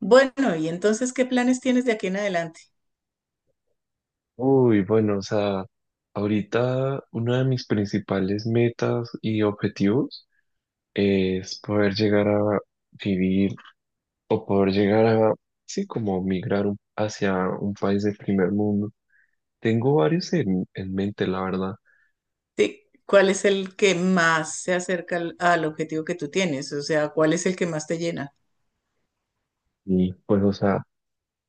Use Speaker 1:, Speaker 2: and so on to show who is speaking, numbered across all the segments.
Speaker 1: Bueno, y entonces, ¿qué planes tienes de aquí en adelante?
Speaker 2: Uy, bueno, o sea, ahorita una de mis principales metas y objetivos es poder llegar a vivir o poder llegar a, sí, como migrar un- hacia un país de primer mundo. Tengo varios en mente, la verdad.
Speaker 1: Sí, ¿cuál es el que más se acerca al objetivo que tú tienes? O sea, ¿cuál es el que más te llena?
Speaker 2: Y pues, o sea,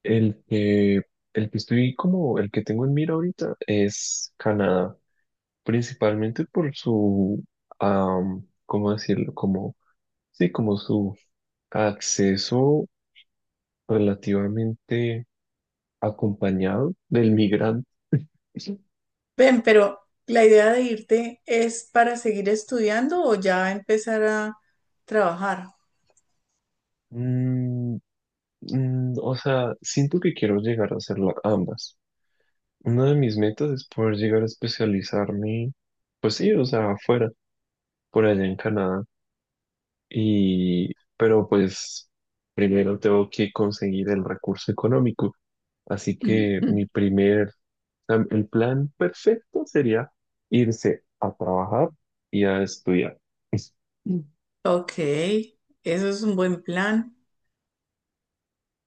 Speaker 2: el que, el que estoy como, el que tengo en mira ahorita es Canadá, principalmente por su, ¿cómo decirlo? Como, sí, como su acceso relativamente acompañado del migrante.
Speaker 1: Ven, pero la idea de irte es para seguir estudiando o ya empezar a trabajar.
Speaker 2: Mm, o sea, siento que quiero llegar a hacer la- ambas. Una de mis metas es poder llegar a especializarme, pues sí, o sea, afuera, por allá en Canadá. Y, pero pues primero tengo que conseguir el recurso económico. Así que mi
Speaker 1: Ujú.
Speaker 2: primer, el plan perfecto sería irse a trabajar y a estudiar.
Speaker 1: Ok, eso es un buen plan.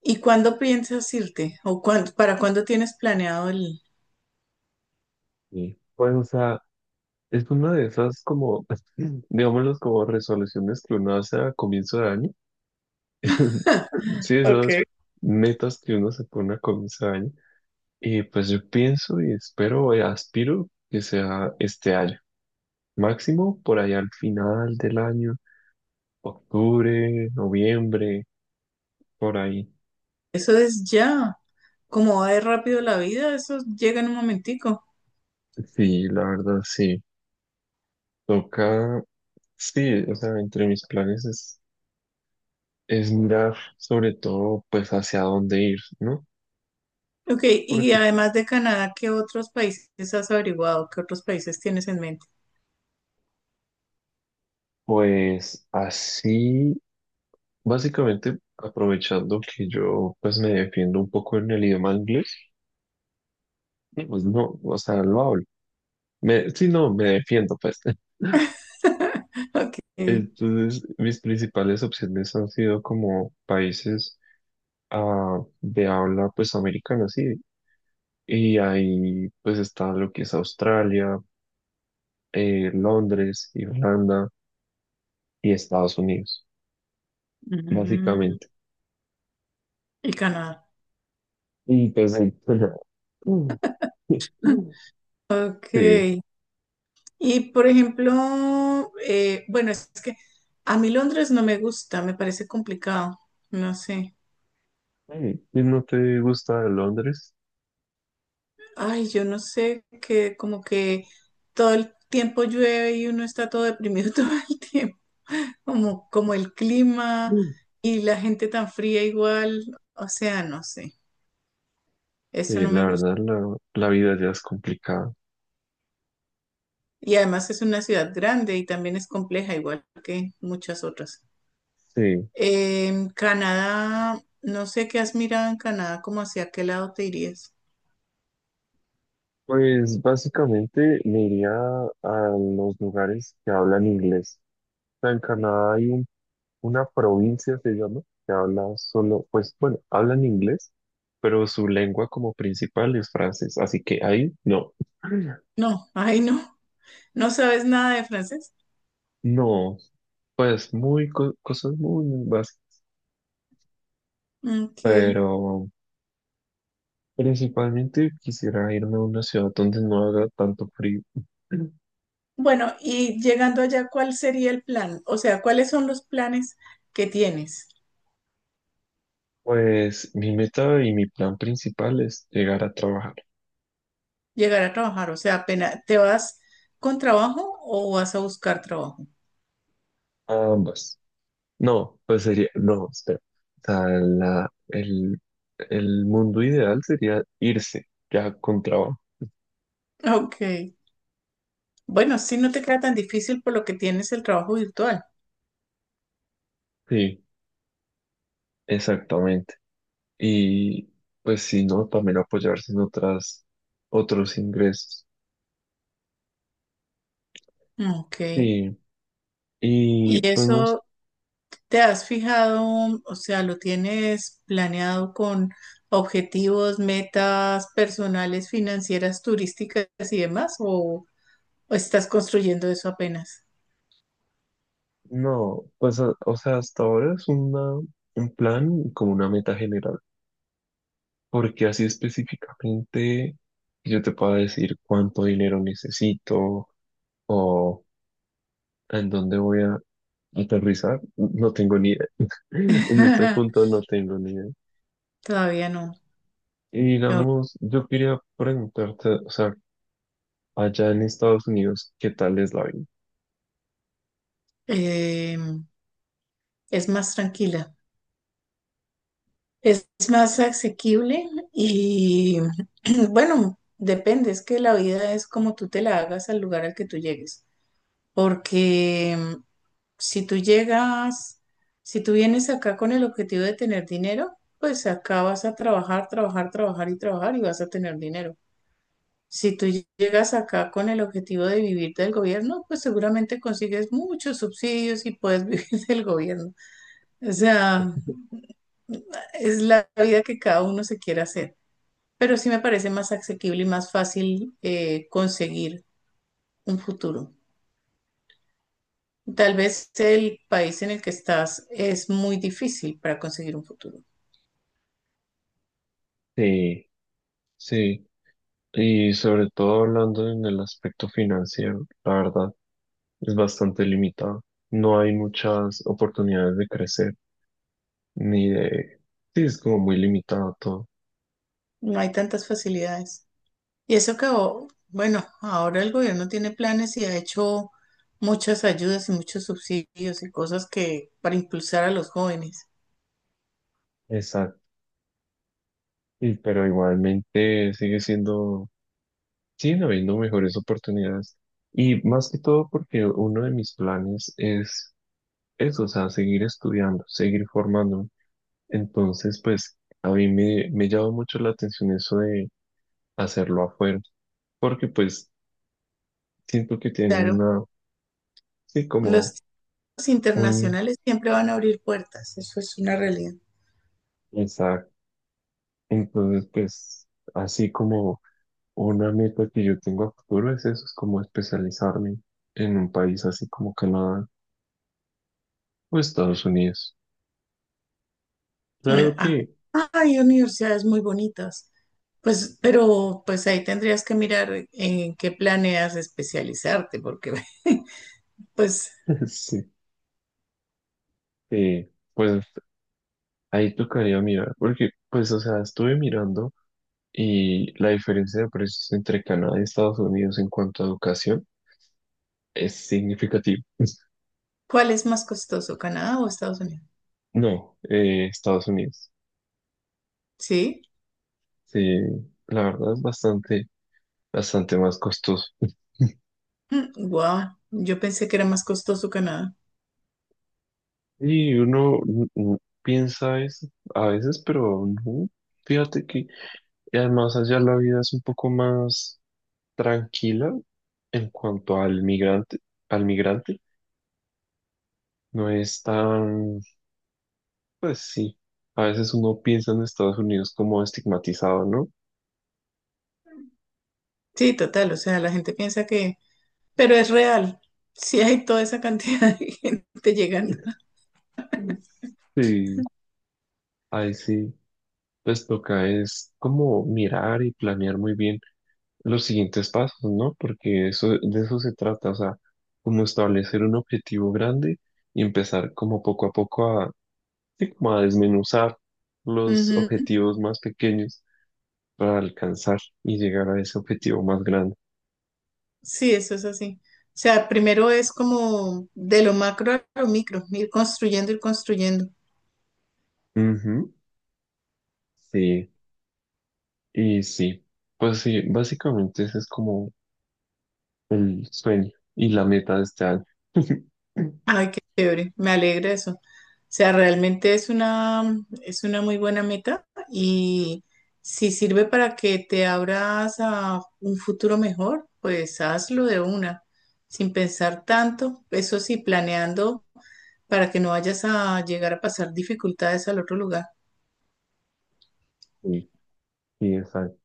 Speaker 1: ¿Y cuándo piensas irte? ¿O cuándo, para cuándo tienes planeado el...
Speaker 2: Sí. Pues, o sea, es una de esas como, digámoslo, como resoluciones que uno hace a comienzo de año. Sí, esas
Speaker 1: Ok.
Speaker 2: metas que uno se pone a comienzo de año. Y pues yo pienso y espero y aspiro que sea este año. Máximo por ahí al final del año, octubre, noviembre, por ahí.
Speaker 1: Eso es ya. Como va de rápido la vida, eso llega en un momentico.
Speaker 2: Sí, la verdad, sí. Toca, sí, o sea, entre mis planes es mirar sobre todo pues hacia dónde ir, ¿no?
Speaker 1: Ok, y
Speaker 2: Porque
Speaker 1: además de Canadá, ¿qué otros países has averiguado? ¿Qué otros países tienes en mente?
Speaker 2: pues así, básicamente aprovechando que yo pues me defiendo un poco en el idioma inglés, y, pues no, o sea, lo hablo. Me, sí, no, me defiendo pues.
Speaker 1: Ok,
Speaker 2: Entonces, mis principales opciones han sido como países de habla pues americana, sí. Y ahí pues está lo que es Australia, Londres, Irlanda y Estados Unidos,
Speaker 1: mm,
Speaker 2: básicamente.
Speaker 1: y Canadá.
Speaker 2: Y pues ahí-
Speaker 1: Ok,
Speaker 2: Sí,
Speaker 1: y por ejemplo, bueno, es que a mí Londres no me gusta, me parece complicado, no sé.
Speaker 2: hey, ¿y no te gusta Londres?
Speaker 1: Ay, yo no sé, que como que todo el tiempo llueve y uno está todo deprimido todo el tiempo, como, como el clima
Speaker 2: Mm.
Speaker 1: y la gente tan fría igual, o sea, no sé, eso
Speaker 2: Sí,
Speaker 1: no me
Speaker 2: la
Speaker 1: gusta.
Speaker 2: verdad, la vida ya es complicada.
Speaker 1: Y además es una ciudad grande y también es compleja, igual que muchas otras.
Speaker 2: Sí,
Speaker 1: En Canadá, no sé qué has mirado en Canadá, como hacia qué lado te irías.
Speaker 2: pues básicamente me iría a los lugares que hablan inglés. O sea, en Canadá hay un- una provincia, se llama, que habla solo, pues bueno, hablan inglés, pero su lengua como principal es francés. Así que ahí no,
Speaker 1: No, ay no, no sabes nada de francés.
Speaker 2: no, pues muy co- cosas muy básicas,
Speaker 1: Ok.
Speaker 2: pero principalmente quisiera irme a una ciudad donde no haga tanto frío.
Speaker 1: Bueno, y llegando allá, ¿cuál sería el plan? O sea, ¿cuáles son los planes que tienes?
Speaker 2: Pues mi meta y mi plan principal es llegar a trabajar.
Speaker 1: Llegar a trabajar, o sea, ¿apenas te vas con trabajo o vas a buscar trabajo?
Speaker 2: Ambas. No, pues sería, no, espera. O sea, la- el mundo ideal sería irse ya con trabajo.
Speaker 1: Ok. Bueno, sí, no te queda tan difícil por lo que tienes el trabajo virtual.
Speaker 2: Sí, exactamente. Y pues si no, también apoyarse en otras, otros ingresos.
Speaker 1: Ok.
Speaker 2: Sí, y
Speaker 1: ¿Y
Speaker 2: pues no, s-
Speaker 1: eso te has fijado, o sea, lo tienes planeado con objetivos, metas personales, financieras, turísticas y demás? O estás construyendo eso apenas?
Speaker 2: no, pues a- o sea, hasta ahora es una, un plan como una meta general. Porque así específicamente yo te puedo decir cuánto dinero necesito o en dónde voy a aterrizar, no tengo ni idea. En este punto no tengo ni idea.
Speaker 1: Todavía no.
Speaker 2: Y
Speaker 1: No.
Speaker 2: digamos, yo quería preguntarte, o sea, allá en Estados Unidos, ¿qué tal es la vida?
Speaker 1: Eh, es más tranquila. Es más asequible y bueno, depende, es que la vida es como tú te la hagas al lugar al que tú llegues, porque si tú llegas, si tú vienes acá con el objetivo de tener dinero, pues acá vas a trabajar, trabajar, trabajar y trabajar y vas a tener dinero. Si tú llegas acá con el objetivo de vivir del gobierno, pues seguramente consigues muchos subsidios y puedes vivir del gobierno. O sea, es la vida que cada uno se quiera hacer. Pero sí me parece más asequible y más fácil, conseguir un futuro. Tal vez el país en el que estás es muy difícil para conseguir un futuro.
Speaker 2: Sí, sí. Y sobre todo hablando en el aspecto financiero, la verdad, es bastante limitado. No hay muchas oportunidades de crecer. Ni de... Sí, es como muy limitado todo.
Speaker 1: No hay tantas facilidades. Y eso que, o, bueno, ahora el gobierno tiene planes y ha hecho muchas ayudas y muchos subsidios y cosas que para impulsar a los jóvenes.
Speaker 2: Exacto. Y, pero igualmente sigue siendo, siguen habiendo mejores oportunidades. Y más que todo porque uno de mis planes es eso, o sea, seguir estudiando, seguir formándome. Entonces, pues a me llama mucho la atención eso de hacerlo afuera, porque pues siento que tienen
Speaker 1: Claro,
Speaker 2: una, sí,
Speaker 1: los
Speaker 2: como
Speaker 1: chicos
Speaker 2: un...
Speaker 1: internacionales siempre van a abrir puertas, eso es una realidad.
Speaker 2: Exacto. Entonces, pues así como... Una meta que yo tengo a futuro es eso, es como especializarme en un país así como Canadá o Estados Unidos.
Speaker 1: Bueno,
Speaker 2: Claro
Speaker 1: acá
Speaker 2: que
Speaker 1: hay universidades muy bonitas, pues, pero pues ahí tendrías que mirar en qué planeas especializarte, porque pues,
Speaker 2: sí, eh, pues ahí tocaría mirar, porque pues o sea, estuve mirando y la diferencia de precios entre Canadá y Estados Unidos en cuanto a educación es significativa.
Speaker 1: ¿cuál es más costoso, Canadá o Estados Unidos?
Speaker 2: No, Estados Unidos.
Speaker 1: Sí.
Speaker 2: Sí, la verdad es bastante, bastante más costoso.
Speaker 1: Wow, yo pensé que era más costoso Canadá.
Speaker 2: Y uno piensa eso a veces, pero no. Fíjate que y además allá la vida es un poco más tranquila en cuanto al migrante, al migrante. No es tan, pues sí, a veces uno piensa en Estados Unidos como estigmatizado, ¿no?
Speaker 1: Sí, total, o sea, la gente piensa que, pero es real. Sí hay toda esa cantidad de gente llegando.
Speaker 2: Mm. Sí, ahí sí, pues toca es como mirar y planear muy bien los siguientes pasos, ¿no? Porque eso, de eso se trata, o sea, como establecer un objetivo grande y empezar como poco a poco a, sí, como a desmenuzar los
Speaker 1: Ujú.
Speaker 2: objetivos más pequeños para alcanzar y llegar a ese objetivo más grande.
Speaker 1: Sí, eso es así. O sea, primero es como de lo macro a lo micro, ir construyendo, ir construyendo.
Speaker 2: Ujú, sí, y sí, pues sí, básicamente ese es como el sueño y la meta de este año.
Speaker 1: Ay, qué chévere, me alegra eso. O sea, realmente es una muy buena meta y si sirve para que te abras a un futuro mejor, pues hazlo de una, sin pensar tanto, eso sí, planeando para que no vayas a llegar a pasar dificultades al otro lugar.
Speaker 2: Sí, sí, exacto.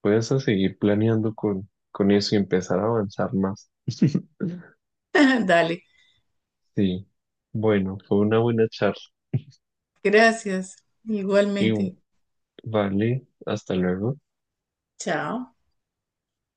Speaker 2: Puedes a seguir planeando con eso y empezar a avanzar más.
Speaker 1: Dale,
Speaker 2: Sí, bueno, fue una buena charla.
Speaker 1: gracias,
Speaker 2: Y
Speaker 1: igualmente.
Speaker 2: vale, hasta luego.
Speaker 1: Chao.